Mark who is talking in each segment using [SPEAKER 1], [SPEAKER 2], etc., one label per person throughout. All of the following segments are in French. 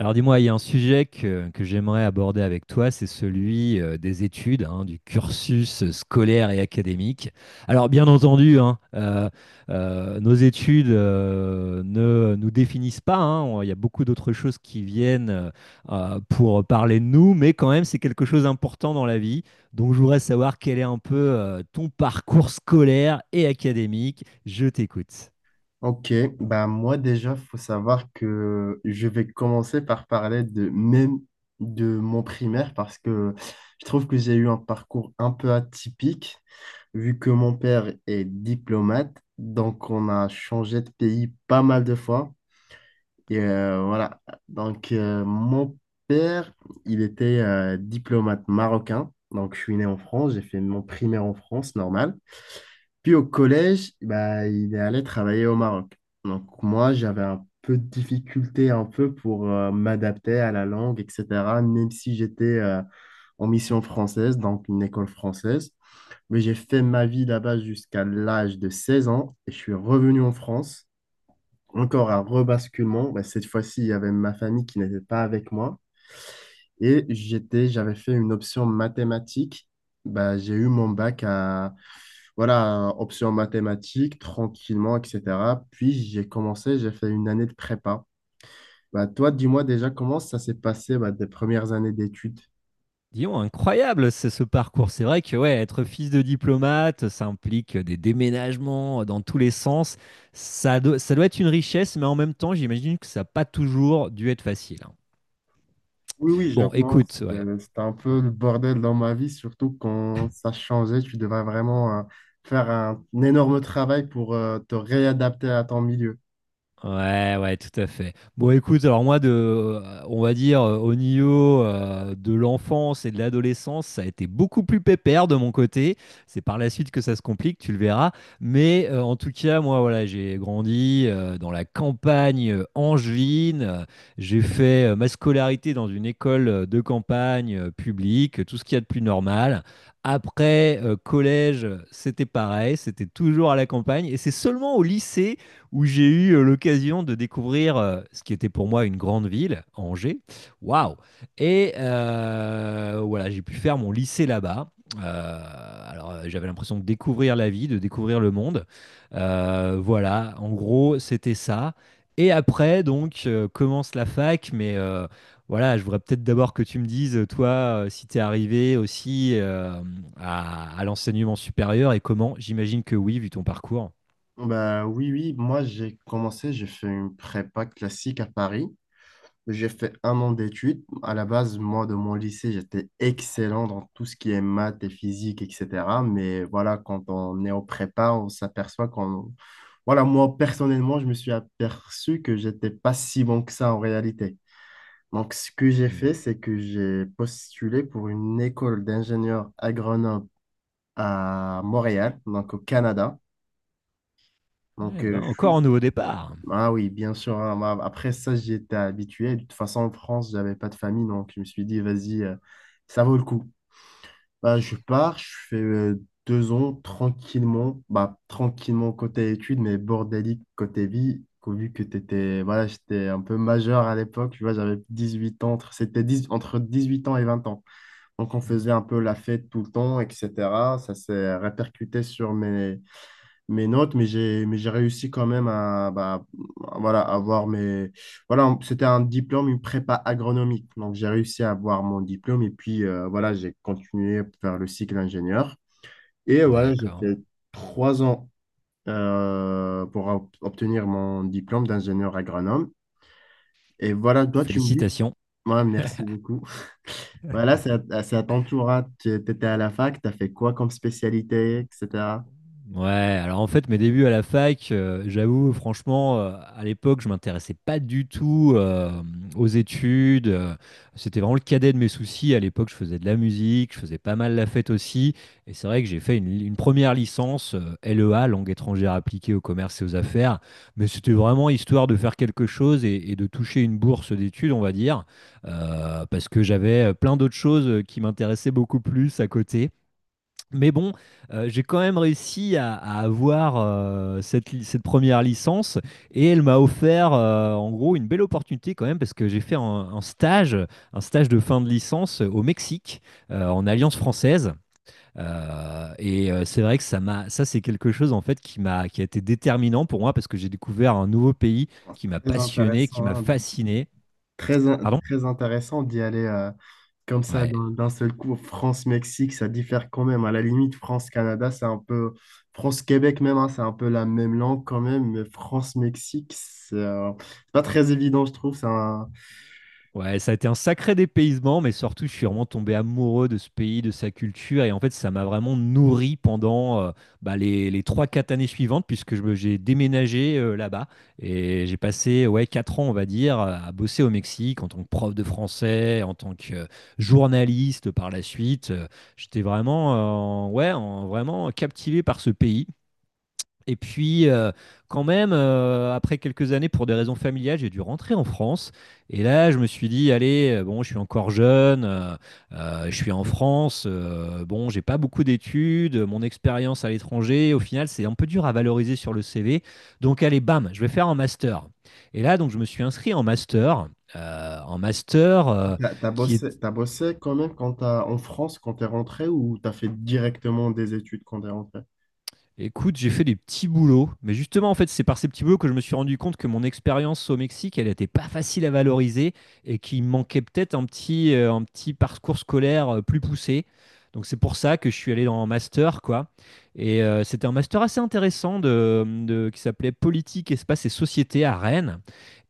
[SPEAKER 1] Alors dis-moi, il y a un sujet que j'aimerais aborder avec toi, c'est celui des études, hein, du cursus scolaire et académique. Alors bien entendu, hein, nos études ne nous définissent pas, hein, il y a beaucoup d'autres choses qui viennent pour parler de nous, mais quand même c'est quelque chose d'important dans la vie. Donc je voudrais savoir quel est un peu ton parcours scolaire et académique. Je t'écoute.
[SPEAKER 2] Ok, bah moi déjà, faut savoir que je vais commencer par parler de même de mon primaire parce que je trouve que j'ai eu un parcours un peu atypique vu que mon père est diplomate, donc on a changé de pays pas mal de fois. Et voilà. Donc, mon père, il était diplomate marocain. Donc, je suis né en France, j'ai fait mon primaire en France, normal. Puis au collège, bah, il est allé travailler au Maroc. Donc, moi, j'avais un peu de difficulté un peu pour m'adapter à la langue, etc., même si j'étais en mission française, donc une école française. Mais j'ai fait ma vie là-bas jusqu'à l'âge de 16 ans et je suis revenu en France, encore un rebasculement. Bah, cette fois-ci, il y avait ma famille qui n'était pas avec moi. Et j'avais fait une option mathématiques. Bah, j'ai eu mon bac voilà, option mathématiques, tranquillement, etc. Puis j'ai commencé, j'ai fait une année de prépa. Bah, toi, dis-moi déjà comment ça s'est passé, bah, tes premières années d'études.
[SPEAKER 1] Dis-donc, incroyable ce parcours. C'est vrai que ouais, être fils de diplomate, ça implique des déménagements dans tous les sens. Ça doit être une richesse, mais en même temps, j'imagine que ça n'a pas toujours dû être facile, hein.
[SPEAKER 2] Oui, oui, je
[SPEAKER 1] Bon
[SPEAKER 2] pense.
[SPEAKER 1] écoute, ouais.
[SPEAKER 2] C'était un peu le bordel dans ma vie, surtout quand ça changeait. Tu devais vraiment faire un énorme travail pour te réadapter à ton milieu.
[SPEAKER 1] Ouais, ouais, tout à fait. Bon, écoute, alors moi, on va dire, au niveau de l'enfance et de l'adolescence, ça a été beaucoup plus pépère de mon côté. C'est par la suite que ça se complique, tu le verras. Mais en tout cas, moi, voilà, j'ai grandi dans la campagne angevine. J'ai fait ma scolarité dans une école de campagne publique, tout ce qu'il y a de plus normal. Après, collège, c'était pareil, c'était toujours à la campagne. Et c'est seulement au lycée où j'ai eu l'occasion de découvrir ce qui était pour moi une grande ville, Angers. Waouh! Et voilà, j'ai pu faire mon lycée là-bas. Euh, alors, j'avais l'impression de découvrir la vie, de découvrir le monde. Voilà, en gros, c'était ça. Et après, donc, commence la fac, mais voilà, je voudrais peut-être d'abord que tu me dises, toi, si tu es arrivé aussi à l'enseignement supérieur et comment, j'imagine que oui, vu ton parcours.
[SPEAKER 2] Bah, oui, oui, moi j'ai commencé, j'ai fait une prépa classique à Paris. J'ai fait un an d'études. À la base, moi, de mon lycée, j'étais excellent dans tout ce qui est maths et physique, etc. Mais voilà, quand on est en prépa, on s'aperçoit qu'on... Voilà, moi, personnellement, je me suis aperçu que j'étais pas si bon que ça en réalité. Donc, ce que j'ai
[SPEAKER 1] Mmh.
[SPEAKER 2] fait, c'est que j'ai postulé pour une école d'ingénieurs agronomes à Montréal, donc au Canada. Donc,
[SPEAKER 1] Eh ben,
[SPEAKER 2] je
[SPEAKER 1] encore
[SPEAKER 2] suis...
[SPEAKER 1] un nouveau départ.
[SPEAKER 2] Ah oui, bien sûr, hein. Moi, après ça, j'y étais habitué. De toute façon, en France, j'avais pas de famille, donc je me suis dit, vas-y, ça vaut le coup. Bah, je pars, je fais 2 ans tranquillement, bah, tranquillement côté études, mais bordélique côté vie. Vu que t'étais, voilà, j'étais un peu majeur à l'époque, tu vois, j'avais 18 ans, c'était 10 entre 8 ans et 20 ans. Donc, on
[SPEAKER 1] Mmh.
[SPEAKER 2] faisait un peu la fête tout le temps, etc. Ça s'est répercuté sur mes notes, mais j'ai réussi quand même à, bah, voilà, avoir mes... Voilà, c'était un diplôme, une prépa agronomique. Donc, j'ai réussi à avoir mon diplôme et puis, voilà, j'ai continué vers le cycle ingénieur. Et voilà, j'ai
[SPEAKER 1] D'accord.
[SPEAKER 2] fait 3 ans pour obtenir mon diplôme d'ingénieur agronome. Et voilà, toi, tu me dis...
[SPEAKER 1] Félicitations.
[SPEAKER 2] Ouais, merci beaucoup. Voilà, c'est à ton tour, hein. Tu étais à la fac, tu as fait quoi comme spécialité, etc.
[SPEAKER 1] Ouais, alors en fait, mes débuts à la fac, j'avoue, franchement, à l'époque, je m'intéressais pas du tout aux études. C'était vraiment le cadet de mes soucis. À l'époque, je faisais de la musique, je faisais pas mal la fête aussi. Et c'est vrai que j'ai fait une première licence, LEA, langue étrangère appliquée au commerce et aux affaires. Mais c'était vraiment histoire de faire quelque chose et de toucher une bourse d'études, on va dire, parce que j'avais plein d'autres choses qui m'intéressaient beaucoup plus à côté. Mais bon, j'ai quand même réussi à, avoir cette première licence et elle m'a offert en gros une belle opportunité quand même parce que j'ai fait un stage de fin de licence au Mexique en Alliance française. Et c'est vrai que ça c'est quelque chose en fait qui a été déterminant pour moi parce que j'ai découvert un nouveau pays qui m'a
[SPEAKER 2] Très
[SPEAKER 1] passionné, qui
[SPEAKER 2] intéressant,
[SPEAKER 1] m'a
[SPEAKER 2] hein.
[SPEAKER 1] fasciné. Pardon?
[SPEAKER 2] Très intéressant d'y aller comme ça
[SPEAKER 1] Ouais.
[SPEAKER 2] d'un seul coup. France-Mexique, ça diffère quand même. À la limite, France-Canada, c'est un peu. France-Québec même, hein, c'est un peu la même langue quand même. Mais France-Mexique, c'est pas très évident, je trouve. C'est un...
[SPEAKER 1] Ouais, ça a été un sacré dépaysement, mais surtout, je suis vraiment tombé amoureux de ce pays, de sa culture, et en fait, ça m'a vraiment nourri pendant les 3-4 années suivantes, puisque j'ai déménagé là-bas, et j'ai passé ouais, 4 ans, on va dire, à bosser au Mexique en tant que prof de français, en tant que journaliste par la suite. J'étais vraiment, ouais, vraiment captivé par ce pays, et puis, quand même, après quelques années, pour des raisons familiales, j'ai dû rentrer en France. Et là, je me suis dit, allez, bon, je suis encore jeune, je suis en France, bon, j'ai pas beaucoup d'études, mon expérience à l'étranger, au final, c'est un peu dur à valoriser sur le CV. Donc, allez, bam, je vais faire un master. Et là, donc, je me suis inscrit en master. En master
[SPEAKER 2] T'as, t'as
[SPEAKER 1] qui est
[SPEAKER 2] bossé, t'as bossé quand même quand en France quand t'es rentré ou t'as fait directement des études quand t'es rentré?
[SPEAKER 1] Écoute, j'ai fait des petits boulots, mais justement, en fait, c'est par ces petits boulots que je me suis rendu compte que mon expérience au Mexique, elle n'était pas facile à valoriser et qu'il manquait peut-être un petit parcours scolaire plus poussé. Donc, c'est pour ça que je suis allé dans un master, quoi. Et c'était un master assez intéressant qui s'appelait Politique, Espace et Société à Rennes.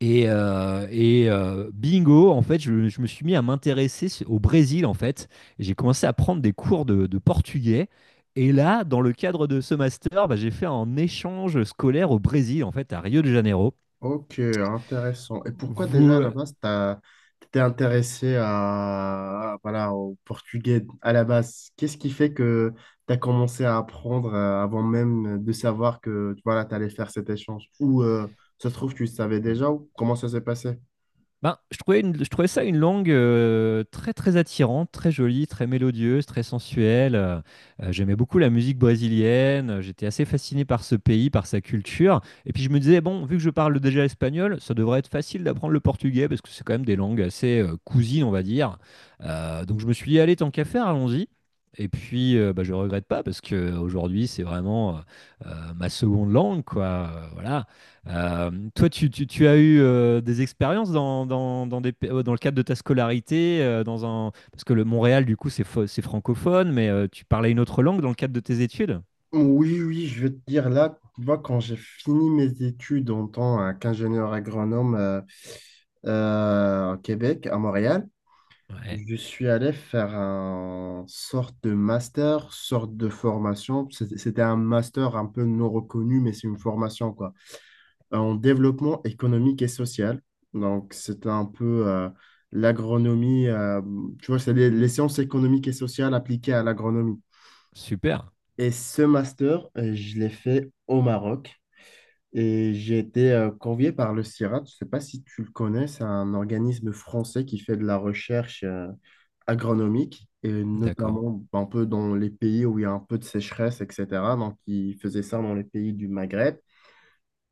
[SPEAKER 1] Et, bingo, en fait, je me suis mis à m'intéresser au Brésil, en fait. Et j'ai commencé à prendre des cours de portugais. Et là, dans le cadre de ce master, bah, j'ai fait un échange scolaire au Brésil, en fait, à Rio de Janeiro.
[SPEAKER 2] Ok, intéressant. Et pourquoi déjà à
[SPEAKER 1] Vous...
[SPEAKER 2] la base, t'étais intéressé à, voilà, au portugais à la base? Qu'est-ce qui fait que tu as commencé à apprendre avant même de savoir que voilà, tu allais faire cet échange? Ou ça se trouve, tu le savais déjà ou comment ça s'est passé?
[SPEAKER 1] Ben, je trouvais, je trouvais ça une langue très très attirante, très jolie, très mélodieuse, très sensuelle. J'aimais beaucoup la musique brésilienne, j'étais assez fasciné par ce pays, par sa culture. Et puis je me disais, bon, vu que je parle déjà espagnol, ça devrait être facile d'apprendre le portugais parce que c'est quand même des langues assez cousines, on va dire. Donc je me suis dit, allez, tant qu'à faire, allons-y. Et puis, je regrette pas parce que aujourd'hui, c'est vraiment ma seconde langue, quoi. Voilà. Toi, tu as eu des expériences dans le cadre de ta scolarité, parce que le Montréal, du coup, c'est francophone, mais tu parlais une autre langue dans le cadre de tes études?
[SPEAKER 2] Oui, oui, je veux te dire là, tu vois, quand j'ai fini mes études en tant qu'ingénieur agronome au Québec, à Montréal,
[SPEAKER 1] Ouais,
[SPEAKER 2] je suis allé faire un sorte de master, sorte de formation. C'était un master un peu non reconnu, mais c'est une formation, quoi. En développement économique et social. Donc, c'était un peu l'agronomie. Tu vois, c'est les sciences économiques et sociales appliquées à l'agronomie.
[SPEAKER 1] super,
[SPEAKER 2] Et ce master, je l'ai fait au Maroc. Et j'ai été convié par le CIRAD, je ne sais pas si tu le connais, c'est un organisme français qui fait de la recherche agronomique, et
[SPEAKER 1] d'accord.
[SPEAKER 2] notamment ben, un peu dans les pays où il y a un peu de sécheresse, etc. Donc, il faisait ça dans les pays du Maghreb.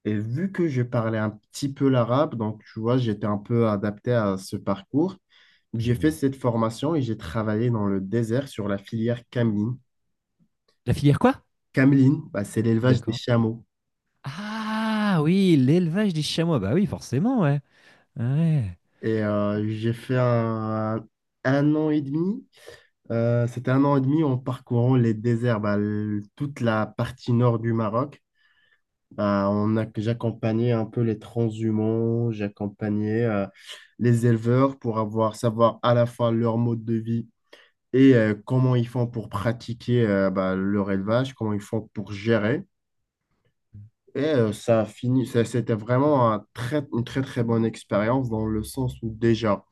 [SPEAKER 2] Et vu que je parlais un petit peu l'arabe, donc tu vois, j'étais un peu adapté à ce parcours. J'ai fait
[SPEAKER 1] Mhm.
[SPEAKER 2] cette formation et j'ai travaillé dans le désert sur la filière cameline.
[SPEAKER 1] La filière quoi?
[SPEAKER 2] Cameline, bah, c'est l'élevage des
[SPEAKER 1] D'accord.
[SPEAKER 2] chameaux.
[SPEAKER 1] Ah oui, l'élevage des chamois, bah oui, forcément, ouais. Ouais,
[SPEAKER 2] Et j'ai fait un an et demi. C'était un an et demi en parcourant les déserts, bah, toute la partie nord du Maroc. Bah, j'accompagnais un peu les transhumants, j'accompagnais les éleveurs pour savoir à la fois leur mode de vie et comment ils font pour pratiquer bah, leur élevage, comment ils font pour gérer. Et ça a fini, ça- c'était vraiment une très très bonne expérience dans le sens où déjà,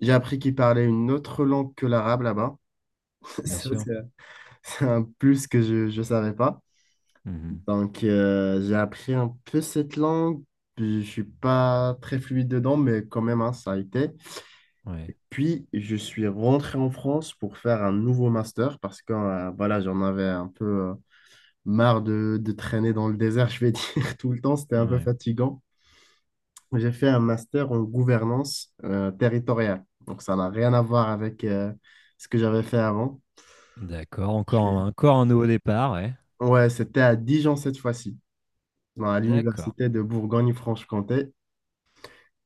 [SPEAKER 2] j'ai appris qu'ils parlaient une autre langue que l'arabe là-bas.
[SPEAKER 1] bien
[SPEAKER 2] Ça,
[SPEAKER 1] sûr.
[SPEAKER 2] c'est un plus que je ne savais pas.
[SPEAKER 1] Mhm.
[SPEAKER 2] Donc, j'ai appris un peu cette langue. Je suis pas très fluide dedans, mais quand même, hein, ça a été.
[SPEAKER 1] Ouais,
[SPEAKER 2] Et puis, je suis rentré en France pour faire un nouveau master parce que voilà, j'en avais un peu marre de traîner dans le désert, je vais dire, tout le temps. C'était un peu
[SPEAKER 1] ouais.
[SPEAKER 2] fatigant. J'ai fait un master en gouvernance territoriale. Donc, ça n'a rien à voir avec ce que j'avais fait avant.
[SPEAKER 1] D'accord,
[SPEAKER 2] Je
[SPEAKER 1] encore,
[SPEAKER 2] l'ai-
[SPEAKER 1] encore un nouveau départ, ouais.
[SPEAKER 2] Ouais, c'était à Dijon cette fois-ci, à
[SPEAKER 1] D'accord.
[SPEAKER 2] l'université de Bourgogne-Franche-Comté.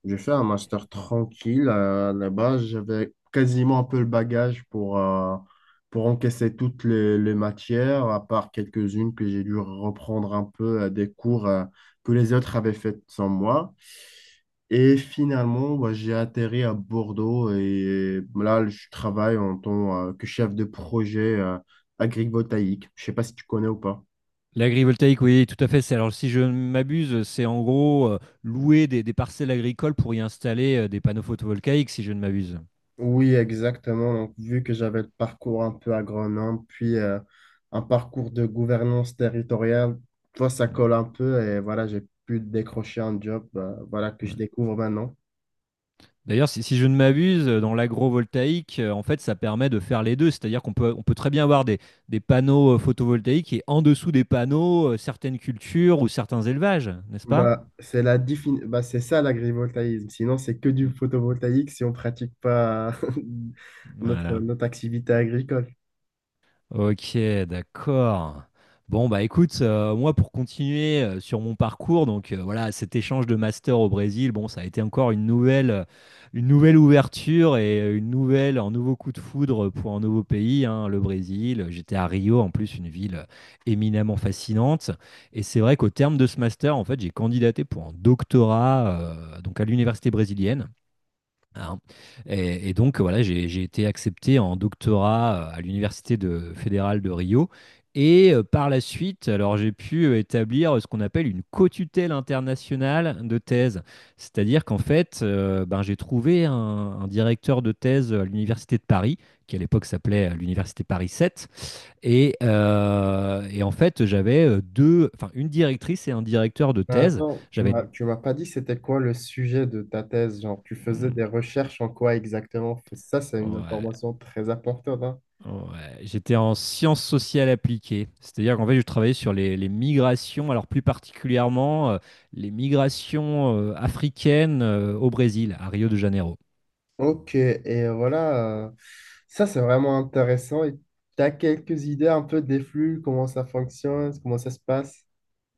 [SPEAKER 2] J'ai fait un master tranquille là-bas. J'avais quasiment un peu le bagage pour encaisser toutes les matières, à part quelques-unes que j'ai dû reprendre un peu des cours que les autres avaient fait sans moi. Et finalement, bah, j'ai atterri à Bordeaux et là, je travaille en tant que chef de projet agrivoltaïque. Je sais pas si tu connais ou pas.
[SPEAKER 1] L'agrivoltaïque, oui, tout à fait. Alors, si je ne m'abuse, c'est en gros louer des parcelles agricoles pour y installer des panneaux photovoltaïques, si je ne m'abuse.
[SPEAKER 2] Oui, exactement. Donc, vu que j'avais le parcours un peu agronome, puis un parcours de gouvernance territoriale, toi, ça
[SPEAKER 1] Mm,
[SPEAKER 2] colle un peu et voilà, j'ai pu décrocher un job voilà, que je
[SPEAKER 1] ouais.
[SPEAKER 2] découvre maintenant.
[SPEAKER 1] D'ailleurs, si je ne m'abuse, dans l'agrovoltaïque, en fait, ça permet de faire les deux. C'est-à-dire qu'on peut très bien avoir des panneaux photovoltaïques et en dessous des panneaux, certaines cultures ou certains élevages, n'est-ce pas?
[SPEAKER 2] Bah, bah, c'est ça l'agrivoltaïsme. Sinon, c'est que du
[SPEAKER 1] Mm,
[SPEAKER 2] photovoltaïque si on ne pratique pas notre,
[SPEAKER 1] Voilà.
[SPEAKER 2] notre activité agricole.
[SPEAKER 1] Ok, d'accord. Bon, bah écoute, moi pour continuer sur mon parcours, donc voilà, cet échange de master au Brésil, bon, ça a été encore une nouvelle ouverture et un nouveau coup de foudre pour un nouveau pays, hein, le Brésil. J'étais à Rio, en plus, une ville éminemment fascinante. Et c'est vrai qu'au terme de ce master, en fait, j'ai candidaté pour un doctorat, donc à l'université brésilienne hein. Et donc, voilà, j'ai été accepté en doctorat à l'Université fédérale de Rio. Et par la suite, alors j'ai pu établir ce qu'on appelle une co-tutelle internationale de thèse. C'est-à-dire qu'en fait, ben, j'ai trouvé un directeur de thèse à l'Université de Paris, qui à l'époque s'appelait l'Université Paris 7. Et en fait, j'avais deux, enfin une directrice et un directeur de thèse.
[SPEAKER 2] Attends, tu
[SPEAKER 1] J'avais.
[SPEAKER 2] m'as, tu m'as pas dit c'était quoi le sujet de ta thèse, genre tu faisais
[SPEAKER 1] Hmm,
[SPEAKER 2] des recherches en quoi exactement? Ça, c'est une
[SPEAKER 1] ouais,
[SPEAKER 2] information très importante, hein.
[SPEAKER 1] Ouais, j'étais en sciences sociales appliquées, c'est-à-dire qu'en fait, je travaillais sur les migrations, alors plus particulièrement les migrations africaines au Brésil, à Rio de Janeiro.
[SPEAKER 2] Ok, et voilà, ça c'est vraiment intéressant. Et tu as quelques idées un peu des flux, comment ça fonctionne, comment ça se passe?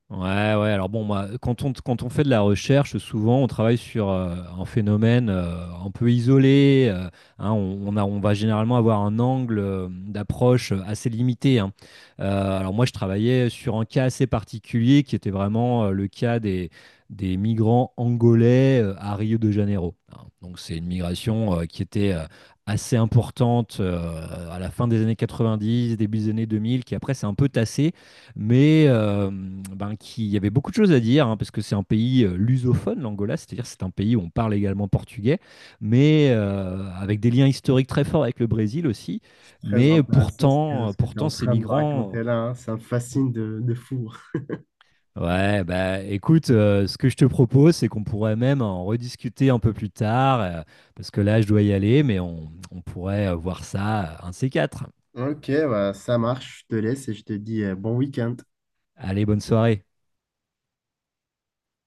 [SPEAKER 1] Ouais, ouais. Alors bon, moi, quand on fait de la recherche, souvent, on travaille sur un phénomène un peu isolé. Hein, on va généralement avoir un angle d'approche assez limité. Hein. Alors moi, je travaillais sur un cas assez particulier qui était vraiment le cas des migrants angolais à Rio de Janeiro. Hein. Donc c'est une migration qui était assez importante à la fin des années 90, début des années 2000, qui après s'est un peu tassée mais ben, qui, il y avait beaucoup de choses à dire, hein, parce que c'est un pays lusophone, l'Angola, c'est-à-dire c'est un pays où on parle également portugais, mais avec des liens historiques très forts avec le Brésil aussi.
[SPEAKER 2] C'est très
[SPEAKER 1] Mais
[SPEAKER 2] intéressant ce que, ce que tu es
[SPEAKER 1] pourtant
[SPEAKER 2] en
[SPEAKER 1] ces
[SPEAKER 2] train de me
[SPEAKER 1] migrants...
[SPEAKER 2] raconter là, hein. Ça me fascine de fou.
[SPEAKER 1] Ouais, bah écoute, ce que je te propose, c'est qu'on pourrait même en rediscuter un peu plus tard, parce que là, je dois y aller, mais on pourrait voir ça un de ces quatre.
[SPEAKER 2] Ok, bah, ça marche, je te laisse et je te dis bon week-end.
[SPEAKER 1] Allez, bonne soirée.